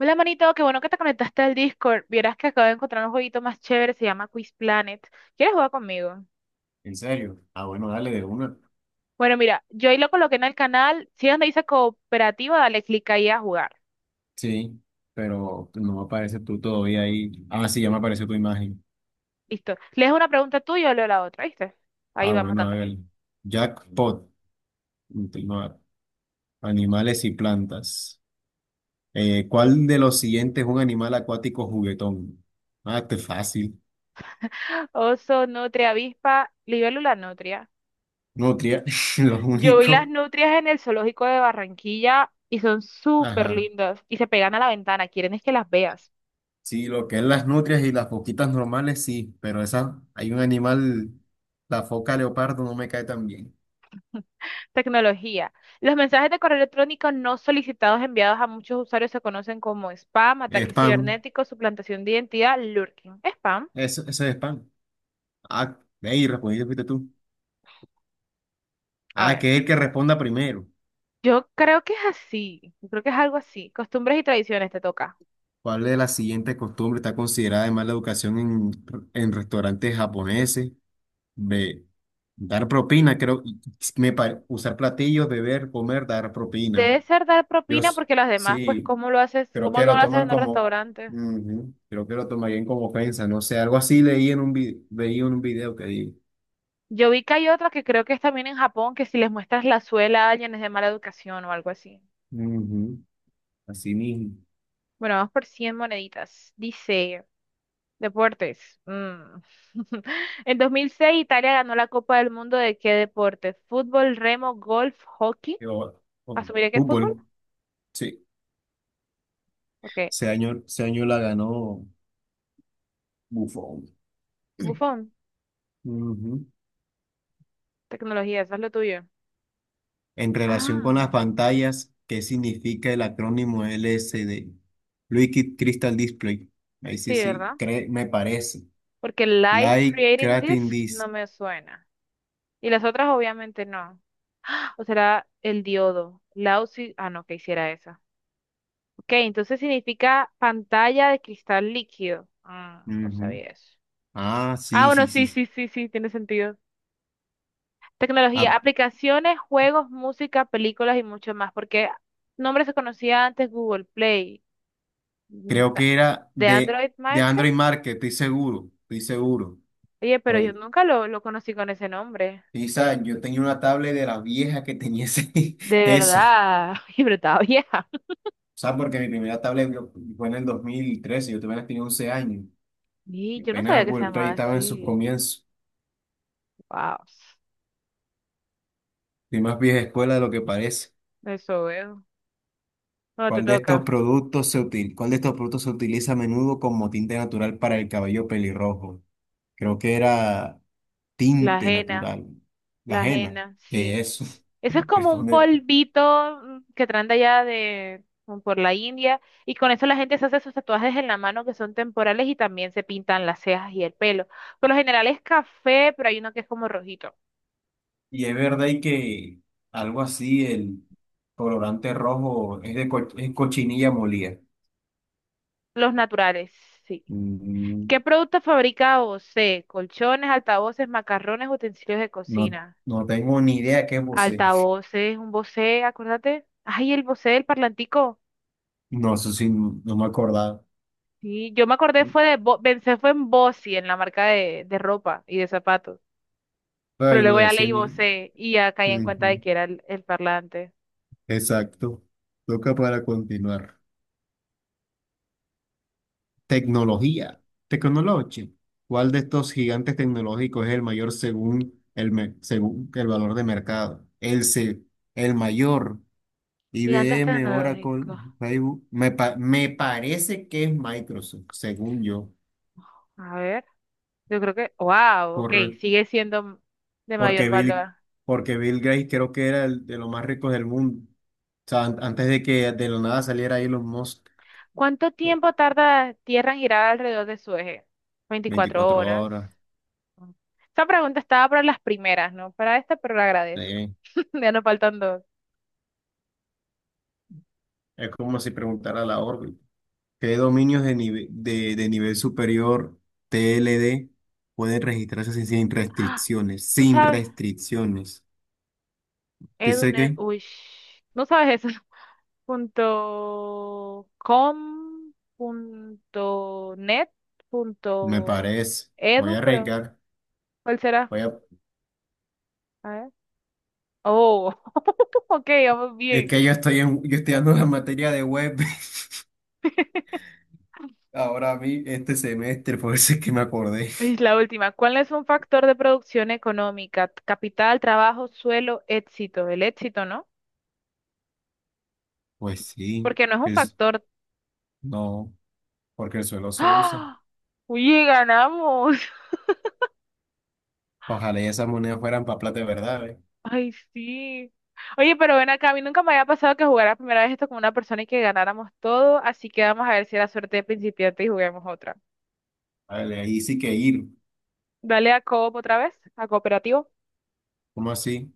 Hola, manito, qué bueno que te conectaste al Discord. Vieras que acabo de encontrar un jueguito más chévere, se llama Quiz Planet. ¿Quieres jugar conmigo? ¿En serio? Ah, bueno, dale de una. Bueno, mira, yo ahí lo coloqué en el canal. Si es donde dice cooperativa, dale clic ahí a jugar. Sí, pero no me aparece tú todavía ahí. Ah, sí, ya me apareció tu imagen. Listo. Lees una pregunta tú y yo leo la otra, ¿viste? Ahí Ah, vamos bueno, a dándole. ver. Jackpot. Continuar. Animales y plantas. ¿Cuál de los siguientes es un animal acuático juguetón? Ah, este es fácil. Oso, nutria, avispa, libélula, nutria. Nutria. Lo Yo vi las único. nutrias en el zoológico de Barranquilla y son súper Ajá. lindas y se pegan a la ventana. Quieren es que las veas. Sí, lo que es las nutrias y las foquitas normales, sí, pero esa, hay un animal, la foca leopardo no me cae tan bien. Tecnología. Los mensajes de correo electrónico no solicitados enviados a muchos usuarios se conocen como spam, ataques Spam. cibernéticos, suplantación de identidad, lurking. Spam. Eso es spam. Ah, hey, respondiste fuiste tú. A Ah, ver, que es el que responda primero. yo creo que es así. Yo creo que es algo así. Costumbres y tradiciones te toca. ¿Cuál de las siguientes costumbres está considerada de mala educación en restaurantes japoneses? B. Dar propina, creo. Usar platillos, beber, comer, dar propina. Debe ser dar Yo propina s- porque las demás, pues, sí, ¿cómo lo haces? creo ¿Cómo que no lo lo haces toman en un como. restaurante? Ujú, creo que lo tomarían como ofensa. No sé, algo así leí en un video, veía en un video que digo. Yo vi que hay otra que creo que es también en Japón, que si les muestras la suela a alguien es de mala educación o algo así. Ujú, así mismo. Bueno, vamos por 100 moneditas. Dice... Deportes. Mm. En 2006 Italia ganó la Copa del Mundo, ¿de qué deporte? Fútbol, remo, golf, hockey. Oh, ¿Asumiré que es fútbol? fútbol, sí. Porque Ese año la ganó. Bufón. Bufón, Ujú. tecnología, eso es lo tuyo. En relación con Ah, las pantallas, ¿qué significa el acrónimo LCD? Liquid Crystal Display. Ahí sí, sí, ¿verdad? sí, me parece. Porque Light Light Creating Creating Disc no Disc. me suena. Y las otras obviamente no. O será el diodo. Lausi, ah, no, que hiciera esa. Ok, entonces significa pantalla de cristal líquido. Ah, no Ujú. sabía eso. Ah, Ah, sí, bueno, sí, sí. sí, Sí. sí, sí, sí, tiene sentido. Tecnología, Ah, aplicaciones, juegos, música, películas y mucho más, porque nombre se conocía antes Google Play, o creo sea, que era de de, Android de Market. Android Market, estoy seguro, estoy seguro. Oye, pero yo Oye, nunca lo conocí con ese nombre. Pisa, yo tenía una tablet de las viejas que tenía De eso. O verdad, y pero estaba vieja. sea, porque mi primera tablet fue en el 2013, yo apenas tenía 11 años. Y yo no Pena sabía que se Apple Pay llamaba estaba en sus así. comienzos Wow, y más vieja escuela de lo que parece. eso veo. No te ¿Cuál de estos toca. productos se util, Cuál de estos productos se utiliza a menudo como tinte natural para el cabello pelirrojo? Creo que era La tinte ajena, natural. La la henna. ajena, ¿Qué sí. es eso? Eso es como un Responde. polvito que traen de allá de, como por la India, y con eso la gente se hace sus tatuajes en la mano que son temporales y también se pintan las cejas y el pelo. Por lo general es café, pero hay uno que es como rojito. Y es verdad y que algo así, el colorante rojo es cochinilla molida. Los naturales, sí. Mm, ¿Qué productos fabrica Bosé? Colchones, altavoces, macarrones, utensilios de no, cocina. no tengo ni idea qué es. Altavoces, un Bose, acuérdate. Ay, el Bose, el parlantico. No, eso sí, no me acordaba. Sí, yo me acordé fue de, Bo- pensé fue en Bossi, en la marca de ropa y de zapatos. Pero Pero ahí no luego ya decía leí ni. vocé y ya caí en cuenta de Ujú, que era el parlante. exacto. Toca para continuar. Tecnología. Tecnología. ¿Cuál de estos gigantes tecnológicos es el mayor según el valor de mercado? El mayor. I B Gigantes M Oracle, tecnológicos. Facebook. Me parece que es Microsoft, según yo. A ver, yo creo que, wow, ok, Correcto. sigue siendo de mayor Porque Bill, valor. porque Bill Gates creo que era el de los más ricos del mundo. O sea, antes de que de la nada saliera Elon Musk. ¿Cuánto tiempo tarda Tierra en girar alrededor de su eje? 24 Veinticuatro horas. horas. Esta pregunta estaba para las primeras, ¿no? Para esta, pero la agradezco. Sí. Ya nos faltan dos. Es como si preguntara la órbita. ¿Qué dominios de nivel superior TLD pueden registrarse sin Ah, restricciones? tú Sin sabes, restricciones. Edu, ¿Dice Ned- qué? uy, sh- no sabes eso. Punto com, punto net, Me punto parece. Voy edu, a pero arriesgar. ¿cuál será? Voy a... A ver. Oh, ok, vamos Es que bien. yo estoy dando la materia de web ahora a mí este semestre, por eso es que me acordé. Y la última, ¿cuál es un factor de producción económica? Capital, trabajo, suelo, éxito. El éxito, ¿no? Pues sí, Porque no es un es, factor. no, porque el suelo se usa. ¡Ah! Oye, ganamos. Ojalá y esas monedas fueran para plata de verdad, ¿eh? Ay, sí. Oye, pero ven acá, a mí nunca me había pasado que jugara primera vez esto con una persona y que ganáramos todo, así que vamos a ver si era suerte de principiante y juguemos otra. Vale, ahí sí que ir. Dale a Coop otra vez, a cooperativo. ¿Cómo así?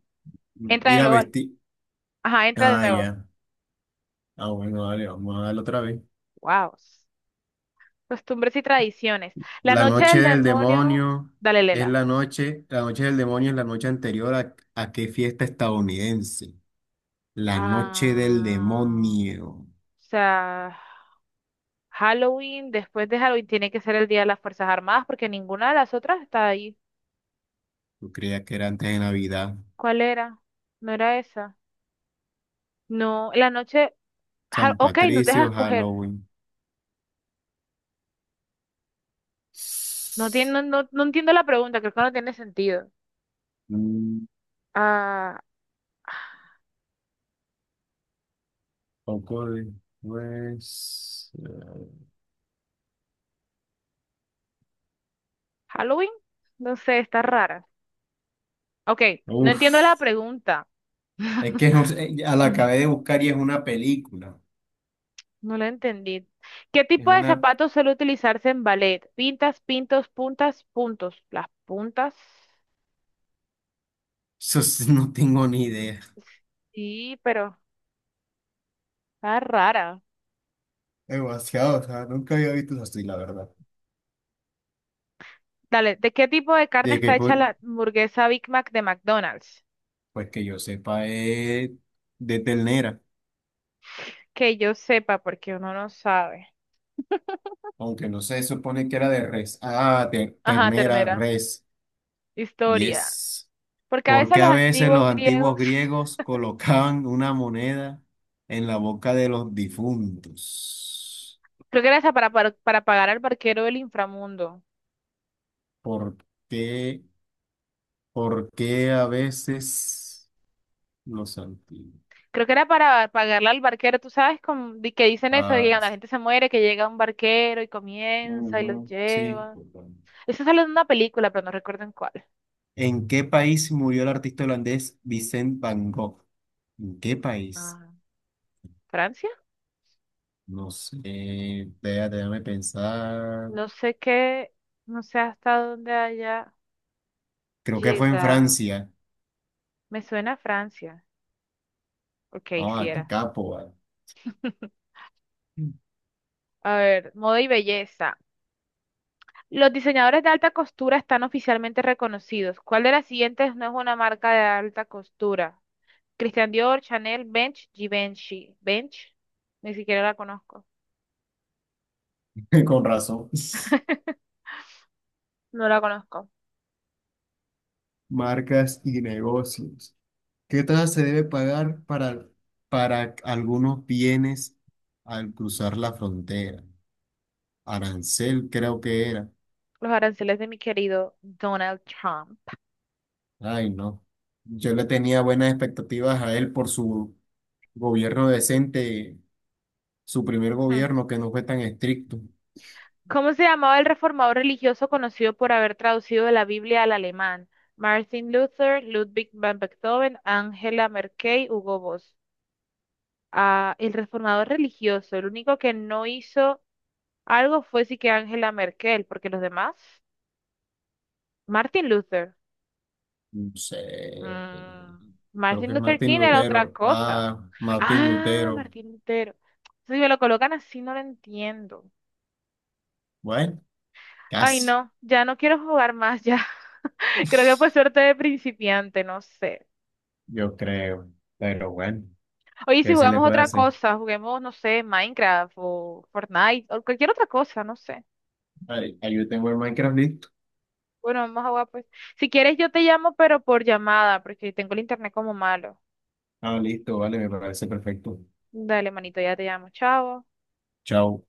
Entra Ir de a nuevo. Al- vestir. ajá, entra de Ah, nuevo. ya. Ah, bueno, dale, vamos a darle otra vez. Wow. Costumbres y tradiciones. La La noche noche del del demonio. demonio Dale, es Lela. la noche del demonio es la noche anterior a qué fiesta estadounidense. La noche del Ah, o demonio. sea, Halloween, después de Halloween tiene que ser el Día de las Fuerzas Armadas porque ninguna de las otras está ahí. Yo creía que era antes de Navidad. ¿Cuál era? No era esa. No, la noche. Ja- San ok, nos dejas Patricio, escoger. Halloween. No tiene, no, no, no entiendo la pregunta, creo que no tiene sentido. Mm, Ah, poco de- pues, ¿Halloween? No sé, está rara. Ok, no uf. entiendo la pregunta. Es que ya la Mm. acabé de buscar y es una película. No la entendí. ¿Qué Es tipo de una... zapatos suele utilizarse en ballet? Pintas, pintos, puntas, puntos. Las puntas, No tengo ni idea. sí, pero está rara. Demasiado, o sea, nunca había visto eso así, la verdad. Dale, ¿de qué tipo de carne De que, está hecha pues, la hamburguesa Big Mac de McDonald's? pues que yo sepa, es de ternera, Que yo sepa, porque uno no sabe. aunque no se supone que era de res. Ah, de Ajá, ternera, ternera. res. Y Historia. es Porque a veces porque los a veces antiguos los antiguos griegos, griegos colocaban una moneda en la boca de los difuntos. creo que era esa para pagar al barquero del inframundo. ¿Por qué? ¿Por qué a veces los antiguos? Creo que era para pagarle al barquero, tú sabes como, di- que dicen eso, de que Ah, cuando la gente se muere, que llega un barquero y comienza y los ujú, sí. lleva. Eso sale de una película, pero no recuerdo en cuál. ¿En qué país murió el artista holandés Vincent Van Gogh? ¿En qué país? Ah, ¿Francia? No sé, vea, déjame pensar. No sé qué, no sé hasta dónde haya Creo que fue en llegado. Francia. Me suena a Francia. Ok, Ah, sí qué era. capo, va. A ver, moda y belleza. Los diseñadores de alta costura están oficialmente reconocidos. ¿Cuál de las siguientes no es una marca de alta costura? Christian Dior, Chanel, Bench, Givenchy. Bench, ni siquiera la conozco. Con razón. No la conozco. Marcas y negocios. ¿Qué tasa se debe pagar para algunos bienes al cruzar la frontera? Arancel, creo que era. Los aranceles de mi querido Donald Trump. Ay, no. Yo le tenía buenas expectativas a él por su gobierno decente, su primer Hmm. gobierno que no fue tan estricto. ¿Cómo se llamaba el reformador religioso conocido por haber traducido de la Biblia al alemán? Martin Luther, Ludwig van Beethoven, Angela Merkel, Hugo Boss. Ah, el reformador religioso, el único que no hizo algo fue sí que Angela Merkel, porque los demás, Martin Luther. No sé, Mm, creo Martin que es Luther Martín King era otra Lutero. cosa. Ah, Martín Ah, Lutero. Martín Lutero. Si me lo colocan así, no lo entiendo. Bueno, Ay, casi, no, ya no quiero jugar más, ya. Creo que fue suerte de principiante, no sé. yo creo. Pero bueno, Oye, si ¿qué se le jugamos puede otra hacer? cosa, juguemos, no sé, Minecraft o Fortnite o cualquier otra cosa, no sé. Ahí yo tengo el Minecraft listo. Bueno, vamos a jugar pues. Si quieres, yo te llamo, pero por llamada, porque tengo el internet como malo. Ah, listo, vale, me parece perfecto. Dale, manito, ya te llamo. Chao. Chao.